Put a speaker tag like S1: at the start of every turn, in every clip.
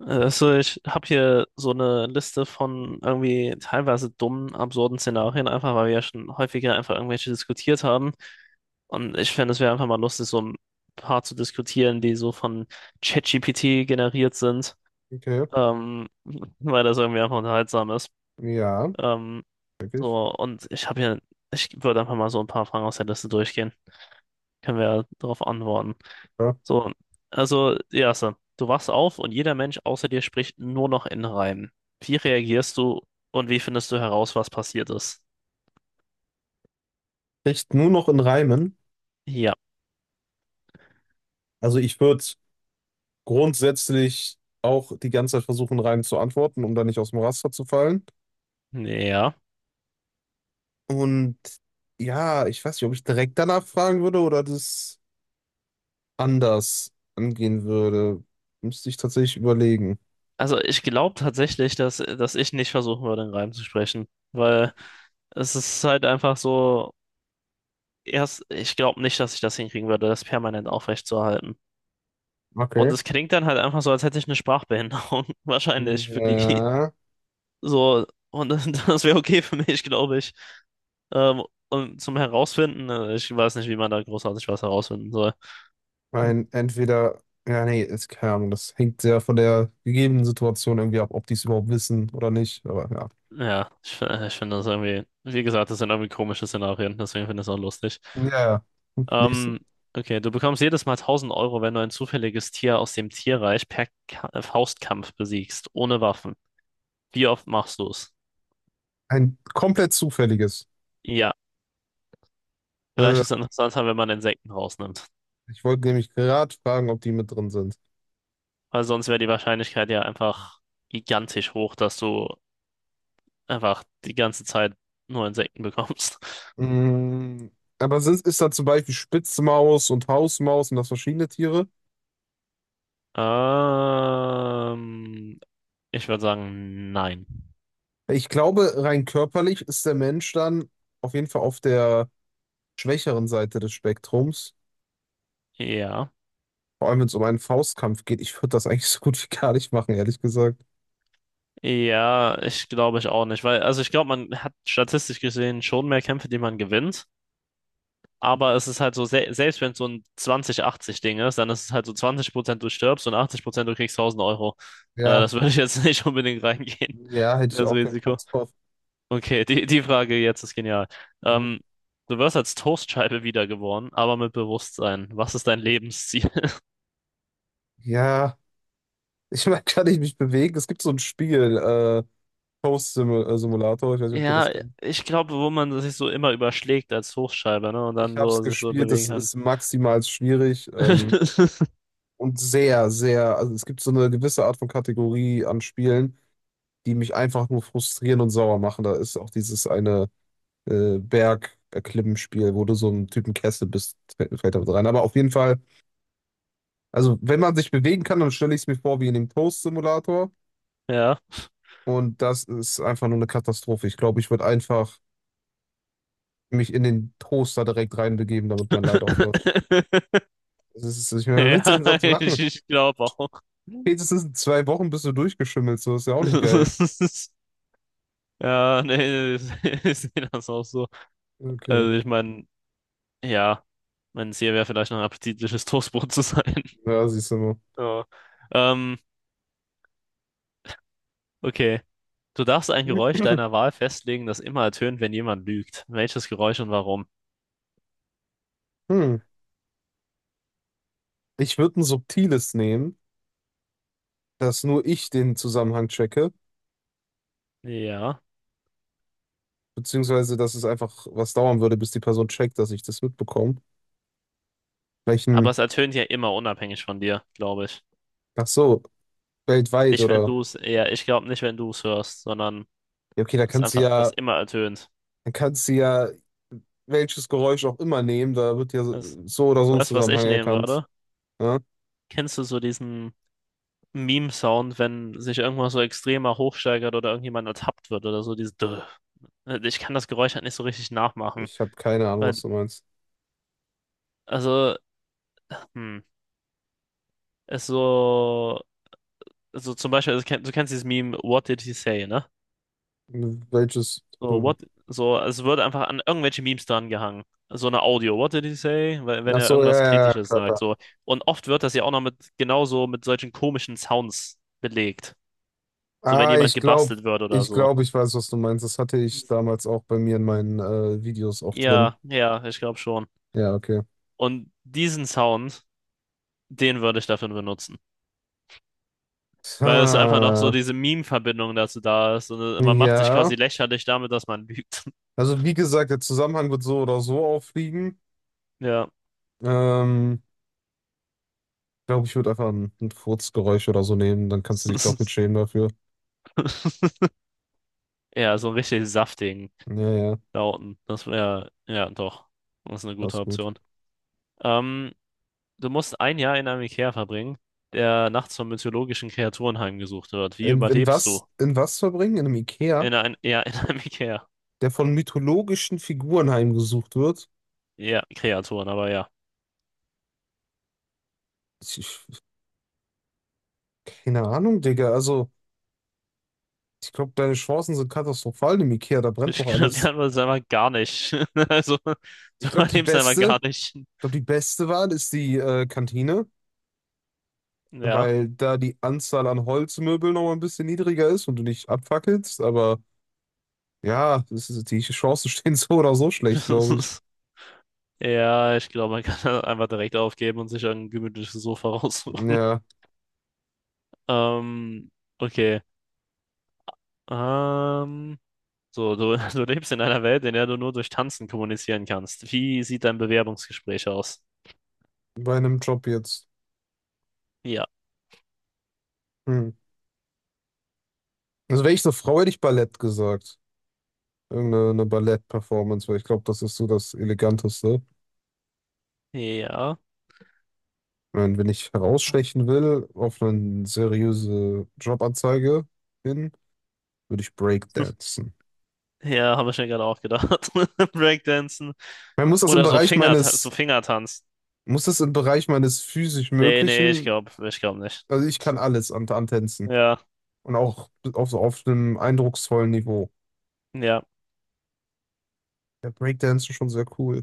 S1: Also ich habe hier so eine Liste von irgendwie teilweise dummen, absurden Szenarien, einfach weil wir ja schon häufiger einfach irgendwelche diskutiert haben. Und ich fände, es wäre einfach mal lustig, so ein paar zu diskutieren, die so von ChatGPT generiert sind,
S2: Okay.
S1: ähm, weil das irgendwie einfach unterhaltsam ist.
S2: Ja,
S1: Ähm,
S2: wirklich.
S1: so, und ich würde einfach mal so ein paar Fragen aus der Liste durchgehen. Können wir darauf antworten.
S2: Ja.
S1: So, also, ja, so. Du wachst auf und jeder Mensch außer dir spricht nur noch in Reimen. Wie reagierst du und wie findest du heraus, was passiert ist?
S2: Echt nur noch in Reimen.
S1: Ja,
S2: Also ich würde grundsätzlich auch die ganze Zeit versuchen, Reimen zu antworten, um da nicht aus dem Raster zu fallen.
S1: ja.
S2: Und ja, ich weiß nicht, ob ich direkt danach fragen würde oder das anders angehen würde. Müsste ich tatsächlich überlegen.
S1: Also ich glaube tatsächlich, dass ich nicht versuchen würde, in Reimen zu sprechen, weil es ist halt einfach so, ich glaube nicht, dass ich das hinkriegen würde, das permanent aufrechtzuerhalten. Und
S2: Okay.
S1: es klingt dann halt einfach so, als hätte ich eine Sprachbehinderung, wahrscheinlich für die.
S2: Ja,
S1: So, und das, das wäre okay für mich, glaube ich. Ähm, und zum Herausfinden, ich weiß nicht, wie man da großartig was herausfinden soll.
S2: mein entweder, ja, nee, ist keine Ahnung, das hängt sehr von der gegebenen Situation irgendwie ab, ob die es überhaupt wissen oder nicht. Aber ja.
S1: Ja, ich finde das irgendwie, wie gesagt, das sind irgendwie komische Szenarien, deswegen finde ich es auch lustig.
S2: Ja, ja. Nächstes.
S1: Ähm, okay, du bekommst jedes Mal 1000 Euro, wenn du ein zufälliges Tier aus dem Tierreich per Ka Faustkampf besiegst, ohne Waffen. Wie oft machst du es?
S2: Ein komplett zufälliges.
S1: Ja, vielleicht
S2: Äh,
S1: ist es interessanter, wenn man Insekten rausnimmt,
S2: ich wollte nämlich gerade fragen, ob die mit drin sind.
S1: weil sonst wäre die Wahrscheinlichkeit ja einfach gigantisch hoch, dass du einfach die ganze Zeit nur Insekten bekommst.
S2: Mm, aber sind, ist da zum Beispiel Spitzmaus und Hausmaus und das verschiedene Tiere?
S1: Ähm, ich würde sagen, nein.
S2: Ich glaube, rein körperlich ist der Mensch dann auf jeden Fall auf der schwächeren Seite des Spektrums.
S1: Ja.
S2: Vor allem, wenn es um einen Faustkampf geht. Ich würde das eigentlich so gut wie gar nicht machen, ehrlich gesagt.
S1: Ja, ich glaube ich auch nicht, weil, also ich glaube, man hat statistisch gesehen schon mehr Kämpfe, die man gewinnt, aber es ist halt so, se selbst wenn es so ein 20-80-Ding ist, dann ist es halt so 20% du stirbst und 80% du kriegst 1000 Euro.
S2: Ja,
S1: Das würde ich jetzt nicht unbedingt reingehen,
S2: ja, hätte ich
S1: das
S2: auch keinen Bock
S1: Risiko.
S2: drauf.
S1: Okay, die Frage jetzt ist genial.
S2: Mhm.
S1: Ähm, du wirst als Toastscheibe wiedergeboren, aber mit Bewusstsein. Was ist dein Lebensziel?
S2: Ja, ich meine, kann ich mich bewegen? Es gibt so ein Spiel, Post-Simulator, ich weiß nicht, ob du das
S1: Ja,
S2: kennst.
S1: ich glaube, wo man sich so immer überschlägt als Toastscheibe, ne? Und
S2: Ich
S1: dann
S2: habe es
S1: so sich so
S2: gespielt, es
S1: bewegen kann.
S2: ist maximal schwierig und sehr, sehr, also es gibt so eine gewisse Art von Kategorie an Spielen, die mich einfach nur frustrieren und sauer machen. Da ist auch dieses eine Berg-Erklimmen-Spiel, wo du so einen Typen Kessel bist, fällt damit rein. Aber auf jeden Fall, also wenn man sich bewegen kann, dann stelle ich es mir vor wie in dem Toast-Simulator
S1: Ja.
S2: und das ist einfach nur eine Katastrophe. Ich glaube, ich würde einfach mich in den Toaster direkt reinbegeben, damit mein Leid aufhört. Das ist, ich meine, was willst du
S1: Ja,
S2: denn sonst
S1: ich,
S2: machen?
S1: ich glaube auch.
S2: Spätestens in 2 Wochen bist du durchgeschimmelt, so ist ja auch nicht geil.
S1: Ja, nee, ich ich sehe das auch so.
S2: Okay,
S1: Also ich meine, ja, mein Ziel wäre vielleicht noch ein appetitliches Toastbrot zu sein.
S2: ja, siehst du mal.
S1: Ja. Ähm, okay. Du darfst ein Geräusch deiner Wahl festlegen, das immer ertönt, wenn jemand lügt. Welches Geräusch und warum?
S2: Hm. Ich würde ein subtiles nehmen, dass nur ich den Zusammenhang checke,
S1: Ja.
S2: beziehungsweise dass es einfach was dauern würde, bis die Person checkt, dass ich das mitbekomme.
S1: Aber
S2: Welchen,
S1: es ertönt ja immer unabhängig von dir, glaube ich.
S2: ach so, weltweit
S1: Nicht, wenn
S2: oder,
S1: du es, ja, ich glaube nicht, wenn du es hörst, sondern
S2: ja, okay, da
S1: es ist
S2: kannst du
S1: einfach, das
S2: ja,
S1: immer ertönt.
S2: dann kannst du ja welches Geräusch auch immer nehmen, da wird ja
S1: Das,
S2: so so oder so ein
S1: weißt du, was
S2: Zusammenhang
S1: ich nehmen
S2: erkannt.
S1: würde?
S2: Ne?
S1: Kennst du so diesen Meme-Sound, wenn sich irgendwas so extremer hochsteigert oder irgendjemand ertappt wird oder so, dieses Drrr. Ich kann das Geräusch halt nicht so richtig nachmachen.
S2: Ich habe keine Ahnung,
S1: Weil,
S2: was du meinst.
S1: also, hm, ist so. So zum Beispiel, also, du kennst dieses Meme, what did he say, ne?
S2: Welches,
S1: So,
S2: du,
S1: so, es wird einfach an irgendwelche Memes dran gehangen. So eine Audio, what did he say? Weil, wenn
S2: ach
S1: er
S2: so, ja,
S1: irgendwas
S2: ja, ja,
S1: Kritisches
S2: klar,
S1: sagt,
S2: klar.
S1: so. Und oft wird das ja auch noch genauso mit solchen komischen Sounds belegt. So, wenn
S2: Ah,
S1: jemand
S2: ich glaube,
S1: gebastelt wird oder
S2: ich
S1: so.
S2: glaube, ich weiß, was du meinst. Das hatte ich damals auch bei mir in meinen Videos auch drin.
S1: Ja, ja, ich glaube schon.
S2: Ja, okay.
S1: Und diesen Sound, den würde ich dafür benutzen. Weil es einfach noch so
S2: Ha,
S1: diese Meme-Verbindung dazu da ist. Und man macht sich
S2: ja.
S1: quasi lächerlich damit, dass man lügt.
S2: Also wie gesagt, der Zusammenhang wird so oder so auffliegen.
S1: Ja.
S2: Ähm, glaube, ich würde einfach ein Furzgeräusch oder so nehmen. Dann kannst du dich doppelt schämen dafür.
S1: Ja, so einen richtig saftigen
S2: Ja, ja,
S1: Lauten. Das wäre, ja, doch. Das ist eine gute
S2: passt gut.
S1: Option. Ähm, du musst ein Jahr in einem Ikea verbringen, der nachts von mythologischen Kreaturen heimgesucht wird. Wie
S2: In
S1: überlebst
S2: was,
S1: du?
S2: in was verbringen? In einem Ikea,
S1: In ein, ja, in einem Ikea.
S2: der von mythologischen Figuren heimgesucht wird?
S1: Ja, Kreaturen, aber ja.
S2: Ich, ich, keine Ahnung, Digga. Also. Ich glaube, deine Chancen sind katastrophal im Ikea, da brennt doch
S1: Ich glaube, die
S2: alles.
S1: Antwort ist einfach gar nicht. Also, du
S2: Ich glaube, die
S1: überlebst einfach
S2: beste,
S1: gar nicht.
S2: ich glaube, die beste Wahl ist die Kantine,
S1: Ja.
S2: weil da die Anzahl an Holzmöbeln noch mal ein bisschen niedriger ist und du nicht abfackelst. Aber ja, das ist, die Chancen stehen so oder so schlecht, glaube ich.
S1: Ja, ich glaube, man kann das einfach direkt aufgeben und sich ein gemütliches Sofa raussuchen.
S2: Ja,
S1: Ähm, okay. Ähm. So, du, du lebst in einer Welt, in der du nur durch Tanzen kommunizieren kannst. Wie sieht dein Bewerbungsgespräch aus?
S2: bei einem Job jetzt.
S1: Ja,
S2: Hm. Also wäre ich eine Frau, hätte ich Ballett gesagt. Irgendeine eine Ballett-Performance, weil ich glaube, das ist so das Eleganteste.
S1: ja,
S2: Wenn ich herausstechen will, auf eine seriöse Jobanzeige hin würde ich Breakdancen.
S1: ja, habe ich mir gerade auch gedacht. Breakdancen
S2: Man muss das im
S1: oder so
S2: Bereich
S1: So
S2: meines,
S1: Fingertanz.
S2: muss das im Bereich meines physisch
S1: Nee, nee, ich
S2: Möglichen,
S1: glaube, ich glaube nicht.
S2: also ich kann alles an Tänzen
S1: Ja,
S2: und auch auf so auf einem eindrucksvollen Niveau.
S1: ja,
S2: Ja, Breakdancen schon sehr cool.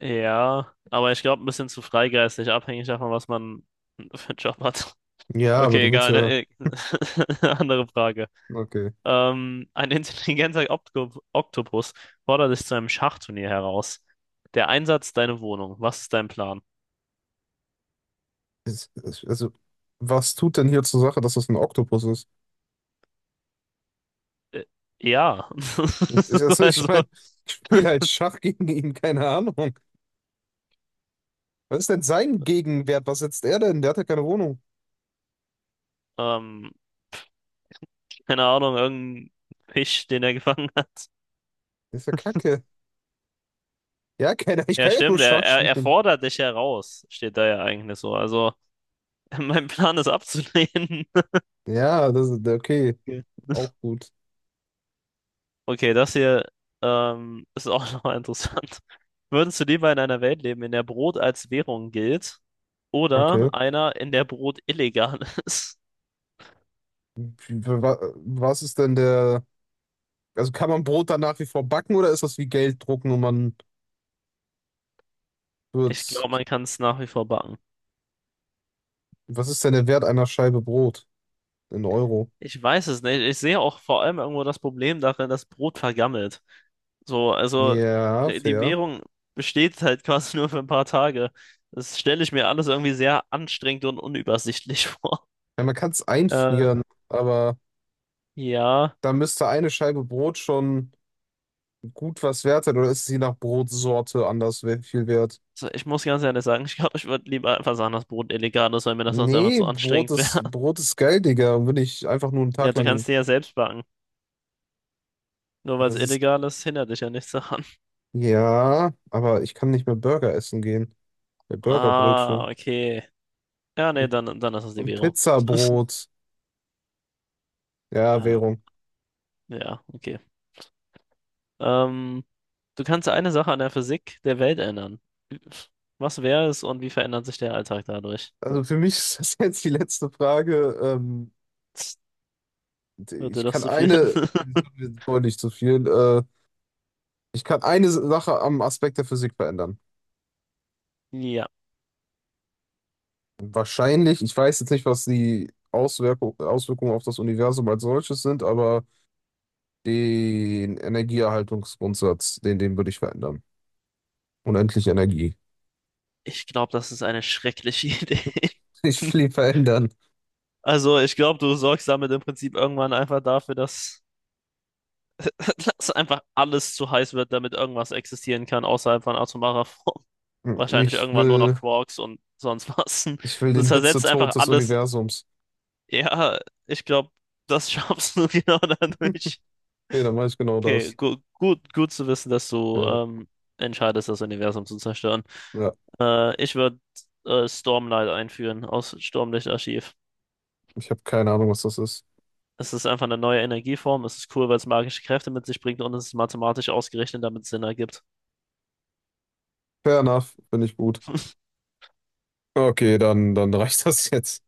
S1: ja, aber ich glaube, ein bisschen zu freigeistig, abhängig davon, was man für einen Job hat.
S2: Ja, aber
S1: Okay,
S2: du willst
S1: egal,
S2: ja,
S1: ne? Andere Frage.
S2: okay.
S1: Ein intelligenter Oktopus fordert dich zu einem Schachturnier heraus. Der Einsatz deine Wohnung. Was ist dein Plan?
S2: Also, was tut denn hier zur Sache, dass das ein Oktopus ist?
S1: Äh, ja.
S2: Also, ich
S1: Also,
S2: meine, ich spiele halt Schach gegen ihn, keine Ahnung. Was ist denn sein Gegenwert? Was setzt er denn? Der hat ja keine Wohnung.
S1: ähm, keine Ahnung, irgendein Fisch, den er gefangen hat.
S2: Das ist ja Kacke. Ja, keine, ich
S1: Ja,
S2: kann ja nur
S1: stimmt, er,
S2: Schach
S1: er, er
S2: spielen.
S1: fordert dich heraus, steht da ja eigentlich so. Also, mein Plan ist abzulehnen.
S2: Ja, das ist okay.
S1: Okay,
S2: Auch gut.
S1: Okay, das hier ist auch nochmal interessant. Würdest du lieber in einer Welt leben, in der Brot als Währung gilt?
S2: Okay.
S1: Oder einer, in der Brot illegal ist.
S2: Was ist denn der. Also kann man Brot dann nach wie vor backen oder ist das wie Geld drucken und man
S1: Ich
S2: wird's.
S1: glaube, man kann es nach wie vor backen.
S2: Was ist denn der Wert einer Scheibe Brot in Euro?
S1: Ich weiß es nicht. Ich sehe auch vor allem irgendwo das Problem darin, dass Brot vergammelt. So, also
S2: Ja,
S1: die
S2: fair.
S1: Währung besteht halt quasi nur für ein paar Tage. Das stelle ich mir alles irgendwie sehr anstrengend und unübersichtlich vor.
S2: Ja, man kann es
S1: Äh,
S2: einfrieren, aber
S1: ja,
S2: da müsste eine Scheibe Brot schon gut was wert sein oder ist sie nach Brotsorte anders viel wert?
S1: so, ich muss ganz ehrlich sagen, ich glaube, ich würde lieber einfach sagen, dass Brot illegal ist, weil mir das sonst einfach
S2: Nee,
S1: zu anstrengend wäre.
S2: Brot ist geil, Digga. Und Wenn ich einfach nur einen
S1: Ja,
S2: Tag
S1: du
S2: lang.
S1: kannst dir ja selbst backen. Nur weil
S2: Aber
S1: es
S2: es ist
S1: illegal ist, hindert dich ja nichts daran.
S2: Ja, aber ich kann nicht mehr Burger essen gehen. Ja,
S1: Ah,
S2: Burgerbrötchen
S1: okay. Ja, nee,
S2: und,
S1: dann ist es die
S2: und
S1: Währung.
S2: Pizzabrot. Ja,
S1: Ah,
S2: Währung.
S1: ja, okay. Ähm, du kannst eine Sache an der Physik der Welt ändern. Was wäre es und wie verändert sich der Alltag dadurch?
S2: Also für mich ist das jetzt die letzte Frage.
S1: Wird dir
S2: Ich
S1: das
S2: kann
S1: zu viel?
S2: eine, wollte nicht zu viel, ich kann eine Sache am Aspekt der Physik verändern.
S1: Ja,
S2: Wahrscheinlich, ich weiß jetzt nicht, was die Auswirkung, Auswirkungen auf das Universum als solches sind, aber den Energieerhaltungsgrundsatz, den würde ich verändern. Unendliche Energie.
S1: ich glaube, das ist eine schreckliche Idee.
S2: Ich will ihn verändern.
S1: Also, ich glaube, du sorgst damit im Prinzip irgendwann einfach dafür, dass, dass einfach alles zu heiß wird, damit irgendwas existieren kann außerhalb von atomarer Form. Wahrscheinlich
S2: Ich
S1: irgendwann nur noch
S2: will.
S1: Quarks und sonst was.
S2: Ich will
S1: Du
S2: den
S1: zersetzt einfach
S2: Hitzetod des
S1: alles
S2: Universums.
S1: Ja, ich glaube, das schaffst du genau dadurch.
S2: Okay, dann mache ich genau
S1: Okay,
S2: das.
S1: gut zu wissen, dass du
S2: Ja,
S1: entscheidest, das Universum zu zerstören.
S2: ja.
S1: Ich würde Stormlight einführen aus Sturmlichtarchiv.
S2: Ich habe keine Ahnung, was das ist.
S1: Es ist einfach eine neue Energieform. Es ist cool, weil es magische Kräfte mit sich bringt und es ist mathematisch ausgerechnet, damit es Sinn ergibt.
S2: Fair enough, bin ich gut. Okay, dann reicht das jetzt.